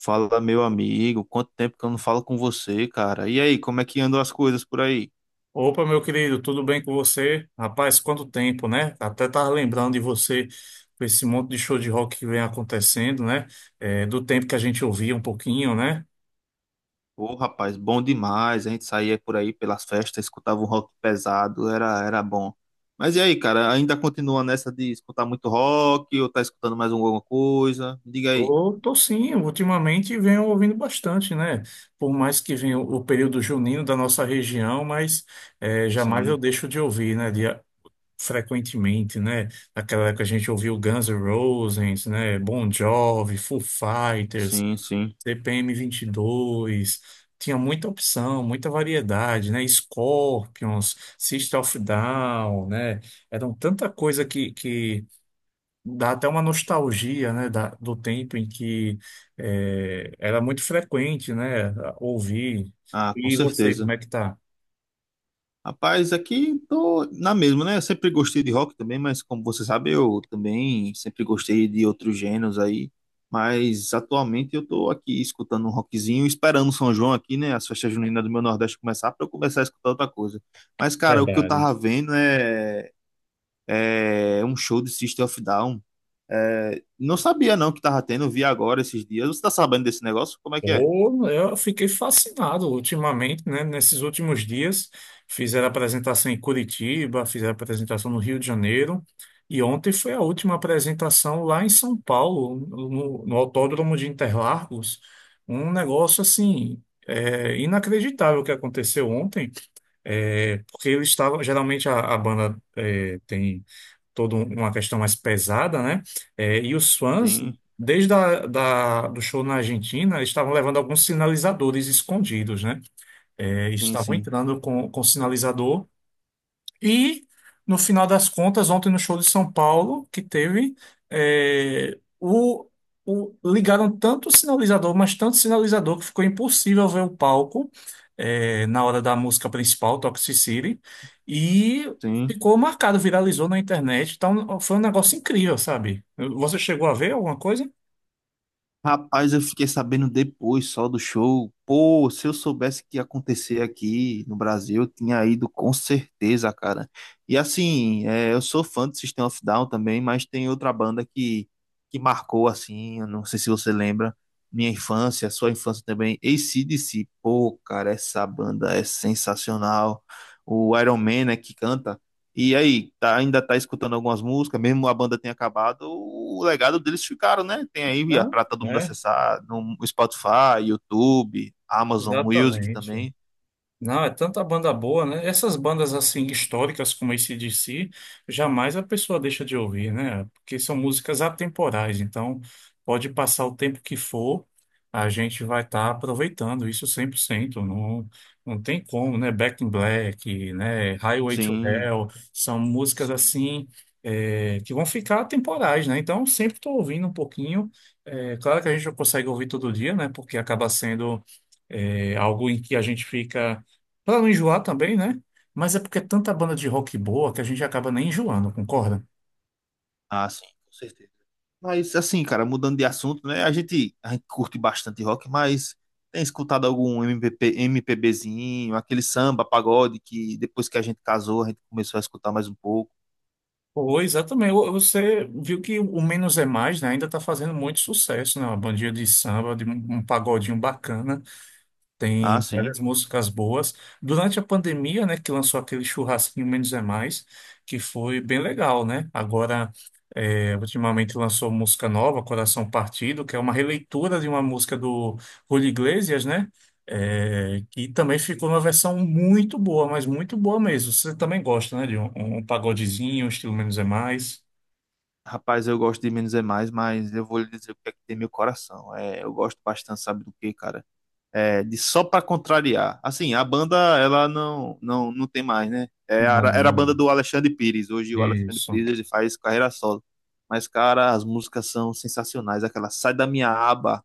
Fala, meu amigo, quanto tempo que eu não falo com você, cara? E aí, como é que andam as coisas por aí? Opa, meu querido, tudo bem com você? Rapaz, quanto tempo, né? Até tava lembrando de você com esse monte de show de rock que vem acontecendo, né? É, do tempo que a gente ouvia um pouquinho, né? Ô, rapaz, bom demais. A gente saía por aí pelas festas, escutava um rock pesado, era bom. Mas e aí, cara, ainda continua nessa de escutar muito rock ou tá escutando mais alguma coisa? Me diga aí. Tô sim, ultimamente venho ouvindo bastante, né? Por mais que venha o período junino da nossa região, mas é, jamais eu Sim, deixo de ouvir, né? De, frequentemente, né? Naquela época a gente ouviu Guns N' Roses, né? Bon Jovi, Foo Fighters. sim, sim. CPM 22, tinha muita opção, muita variedade, né? Scorpions, System of Down, né? Eram tanta coisa que dá até uma nostalgia, né? Do tempo em que era muito frequente, né? Ouvir. Ah, com E você, como certeza. é que tá? Rapaz, aqui tô na mesma, né? Eu sempre gostei de rock também, mas como você sabe, eu também sempre gostei de outros gêneros aí. Mas atualmente eu tô aqui escutando um rockzinho, esperando o São João aqui, né? As festas juninas do meu Nordeste começar para eu começar a escutar outra coisa. Mas, cara, o que eu Verdade. tava vendo é um show de System of Down. É, não sabia não que tava tendo, eu vi agora esses dias. Você tá sabendo desse negócio? Como é que é? Pô, eu fiquei fascinado ultimamente, né? Nesses últimos dias, fizeram apresentação em Curitiba, fizeram apresentação no Rio de Janeiro, e ontem foi a última apresentação lá em São Paulo, no Autódromo de Interlagos. Um negócio assim, é, inacreditável que aconteceu ontem, é, porque eles estavam, geralmente a banda é, tem toda uma questão mais pesada, né? É, e os fãs, Sim, desde do show na Argentina, eles estavam levando alguns sinalizadores escondidos, né? É, sim, estavam sim, entrando com sinalizador e, no final das contas, ontem no show de São Paulo, que teve, é, ligaram tanto o sinalizador, mas tanto sinalizador, que ficou impossível ver o palco, é, na hora da música principal, Toxicity, e sim. ficou marcado, viralizou na internet. Então, foi um negócio incrível, sabe? Você chegou a ver alguma coisa? Rapaz, eu fiquei sabendo depois só do show. Pô, se eu soubesse que ia acontecer aqui no Brasil, eu tinha ido com certeza, cara. E assim, é, eu sou fã do System of a Down também, mas tem outra banda que marcou, assim, eu não sei se você lembra, minha infância, sua infância também, AC/DC. Pô, cara, essa banda é sensacional. O Iron Man, né, que canta. E aí, ainda tá escutando algumas músicas, mesmo a banda tenha acabado, o legado deles ficaram, né? Tem Não, pra todo mundo é, acessar no Spotify, YouTube, Amazon Music exatamente. também. Não, é tanta banda boa, né? Essas bandas assim históricas como AC/DC, jamais a pessoa deixa de ouvir, né? Porque são músicas atemporais, então pode passar o tempo que for, a gente vai estar aproveitando isso 100% não, não tem como, né? Back in Black, né? Highway to Sim, Hell, são músicas sim. assim é, que vão ficar atemporais, né? Então sempre estou ouvindo um pouquinho. É, claro que a gente não consegue ouvir todo dia, né? Porque acaba sendo é, algo em que a gente fica pra não enjoar também, né? Mas é porque é tanta banda de rock boa que a gente acaba nem enjoando, concorda? Ah, sim, com certeza. Mas assim, cara, mudando de assunto, né? A gente curte bastante rock, mas tem escutado algum MPB, MPBzinho, aquele samba, pagode que depois que a gente casou, a gente começou a escutar mais um pouco. Pois, exatamente. Você viu que o Menos é Mais, né? Ainda está fazendo muito sucesso, né? Uma bandinha de samba, de um pagodinho bacana. Ah, Tem várias sim. músicas boas. Durante a pandemia, né? Que lançou aquele churrasquinho Menos é Mais, que foi bem legal, né? Agora. É, ultimamente lançou música nova, Coração Partido, que é uma releitura de uma música do Julio Iglesias, né? É, que também ficou uma versão muito boa, mas muito boa mesmo. Você também gosta, né? De um pagodezinho, um estilo menos é mais. Rapaz, eu gosto de menos é mais, mas eu vou lhe dizer o que é que tem meu coração. É, eu gosto bastante, sabe do que, cara? É, de só pra contrariar. Assim, a banda, ela não tem mais, né? É, Ah, era não a banda lembro. do Alexandre Pires. Hoje o Alexandre Isso. Pires ele faz carreira solo. Mas, cara, as músicas são sensacionais. Aquela Sai da Minha Aba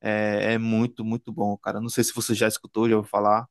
é muito, muito bom, cara. Não sei se você já escutou, já ouviu falar.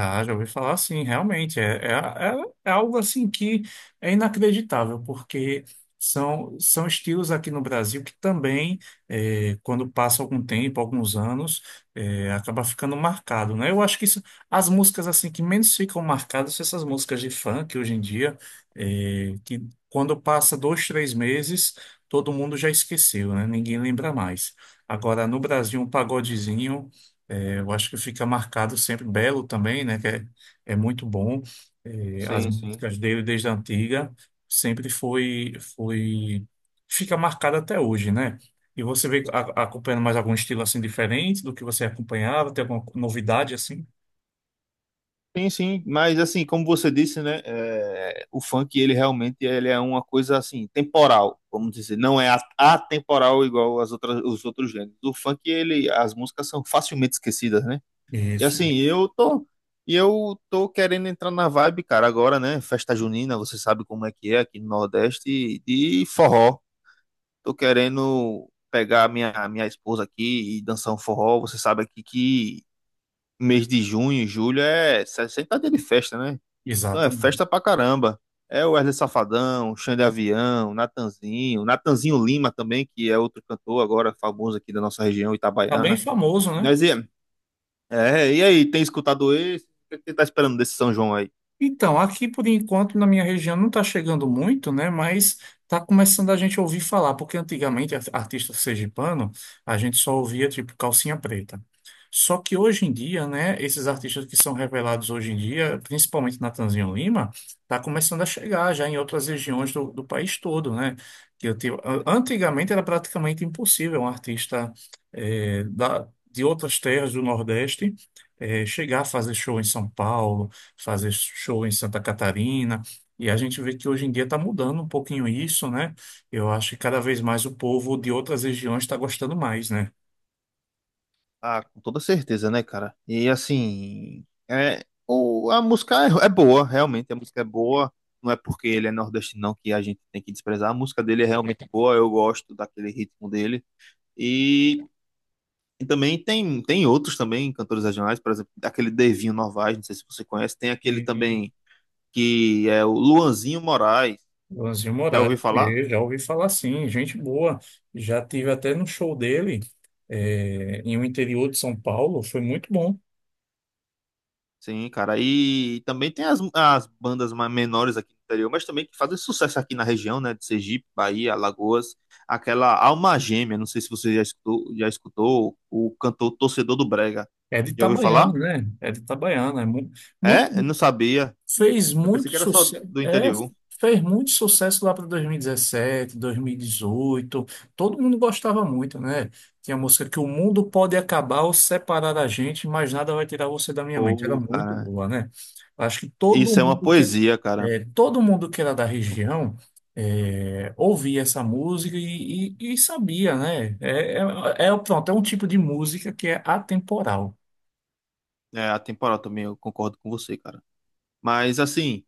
Ah, já ouvi falar assim, realmente. É, é algo assim que é inacreditável, porque são estilos aqui no Brasil que também, quando passa algum tempo, alguns anos, acaba ficando marcado, né? Eu acho que isso- As músicas assim que menos ficam marcadas são essas músicas de funk hoje em dia, que quando passa 2, 3 meses, todo mundo já esqueceu, né? Ninguém lembra mais. Agora, no Brasil, um pagodezinho. É, eu acho que fica marcado sempre Belo também, né? Que é, é muito bom. É, as Sim, sim. músicas dele desde a antiga sempre foi, foi fica marcado até hoje, né? E você vem acompanhando mais algum estilo assim diferente do que você acompanhava? Tem alguma novidade assim? Sim, sim, mas assim, como você disse, né, é, o funk, ele realmente ele é uma coisa assim, temporal, vamos dizer, não é atemporal igual as outras, os outros gêneros. O funk, ele, as músicas são facilmente esquecidas, né? E Isso, assim, e eu tô querendo entrar na vibe, cara, agora, né, festa junina, você sabe como é que é aqui no Nordeste, de forró. Tô querendo pegar a minha esposa aqui e dançar um forró, você sabe aqui que mês de junho, julho é 60 dias de festa, né? Então é exatamente. festa pra caramba. É o Wesley Safadão, Xande Avião, Natanzinho Lima também, que é outro cantor agora famoso aqui da nossa região, Tá bem Itabaiana. famoso, né? Mas e, e aí, tem escutado esse? O que você tá esperando desse São João aí? Então, aqui por enquanto na minha região não está chegando muito, né? Mas está começando a gente ouvir falar, porque antigamente artista sergipano a gente só ouvia tipo calcinha preta. Só que hoje em dia, né? Esses artistas que são revelados hoje em dia, principalmente Natanzinho Lima, está começando a chegar já em outras regiões do país todo, né? Que eu tive- an- Antigamente era praticamente impossível um artista de outras terras do Nordeste chegar a fazer show em São Paulo, fazer show em Santa Catarina. E a gente vê que hoje em dia está mudando um pouquinho isso, né? Eu acho que cada vez mais o povo de outras regiões está gostando mais, né? Ah, com toda certeza, né, cara? E assim, é, a música é boa, realmente, a música é boa. Não é porque ele é nordestino não que a gente tem que desprezar. A música dele é realmente boa, eu gosto daquele ritmo dele. E também tem outros também, cantores regionais, por exemplo, aquele Devinho Novaes, não sei se você conhece, tem aquele Sim. também que é o Luanzinho Moraes, Lanzinho já ouviu Moraes, falar? eu já ouvi falar assim, gente boa. Já tive até no show dele, é, em um interior de São Paulo, foi muito bom. Sim, cara, e também tem as bandas mais menores aqui do interior, mas também que fazem sucesso aqui na região, né, de Sergipe, Bahia, Alagoas, aquela Alma Gêmea, não sei se você já escutou o cantor Torcedor do Brega, É de já ouviu Itabaiana, falar? né? É de Itabaiana, muito, É? Eu não sabia, fez eu muito pensei que era só sucesso, do é, interior. fez muito sucesso lá para 2017, 2018. Todo mundo gostava muito, né? Tinha a música que o mundo pode acabar ou separar a gente, mas nada vai tirar você da minha mente. Era Pô, muito cara, boa, né? Acho que todo isso é uma mundo que poesia, cara. Era da região é, ouvia essa música e sabia, né? Pronto, é um tipo de música que é atemporal. É, a temporada também, eu concordo com você, cara. Mas, assim,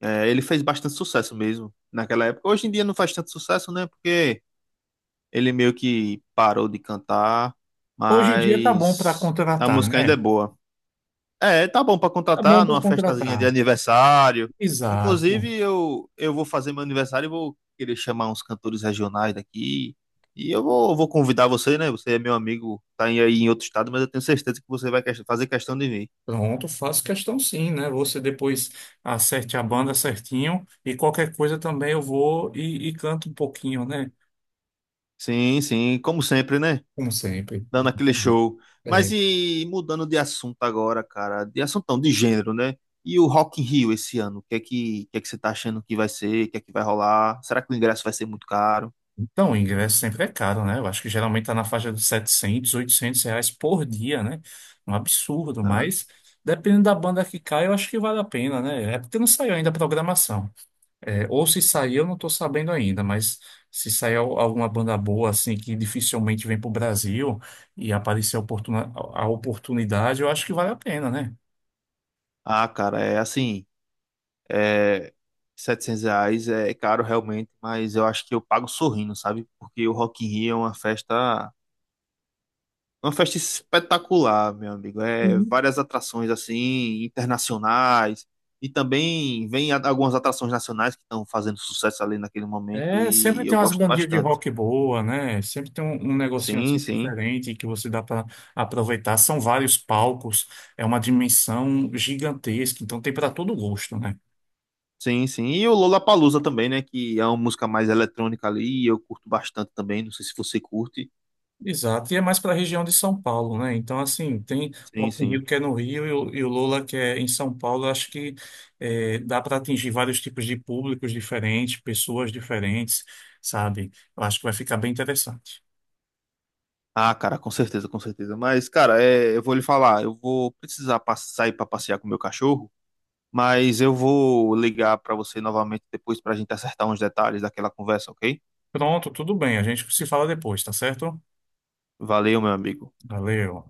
é, ele fez bastante sucesso mesmo naquela época. Hoje em dia não faz tanto sucesso, né? Porque ele meio que parou de cantar, Hoje em dia tá bom para mas a contratar, música ainda é né? boa. É, tá bom pra Tá bom contratar para numa festazinha de contratar. aniversário. Exato. Inclusive, eu vou fazer meu aniversário e vou querer chamar uns cantores regionais daqui. E eu vou convidar você, né? Você é meu amigo, tá aí em outro estado, mas eu tenho certeza que você vai fazer questão de vir. Pronto, faço questão sim, né? Você depois acerte a banda certinho e qualquer coisa também eu vou e canto um pouquinho, né? Sim, sim, como sempre, né? Como sempre. Dando aquele show. Mas É, e mudando de assunto agora, cara, de assunto não, de gênero, né? E o Rock in Rio esse ano, o que é que você tá achando que vai ser, o que é que vai rolar? Será que o ingresso vai ser muito caro? então, o ingresso sempre é caro, né? Eu acho que geralmente está na faixa dos 700, 800 reais por dia, né? Um absurdo, Né? mas dependendo da banda que cai, eu acho que vale a pena, né? É porque não saiu ainda a programação. É, ou se sair, eu não estou sabendo ainda, mas se sair alguma banda boa, assim, que dificilmente vem para o Brasil e aparecer a oportunidade, eu acho que vale a pena, né? Ah, cara, é assim, é, R$ 700 é caro realmente, mas eu acho que eu pago sorrindo, sabe? Porque o Rock in Rio é uma festa. Uma festa espetacular, meu amigo. É várias atrações assim internacionais e também vem algumas atrações nacionais que estão fazendo sucesso ali naquele momento É, sempre e tem eu umas gosto bandinhas de bastante. rock boa, né? Sempre tem um negocinho assim Sim, sim. diferente que você dá para aproveitar. São vários palcos, é uma dimensão gigantesca, então tem para todo gosto, né? Sim, sim. E o Lollapalooza também, né, que é uma música mais eletrônica ali e eu curto bastante também, não sei se você curte. Exato, e é mais para a região de São Paulo, né? Então, assim, tem o Sim, Rock in Rio sim. que é no Rio e o Lola que é em São Paulo. Eu acho que dá para atingir vários tipos de públicos diferentes, pessoas diferentes, sabe? Eu acho que vai ficar bem interessante. Ah, cara, com certeza, com certeza. Mas, cara, é, eu vou lhe falar, eu vou precisar sair para passear com o meu cachorro. Mas eu vou ligar para você novamente depois para a gente acertar uns detalhes daquela conversa, ok? Pronto, tudo bem, a gente se fala depois, tá certo? Valeu, meu amigo. Valeu.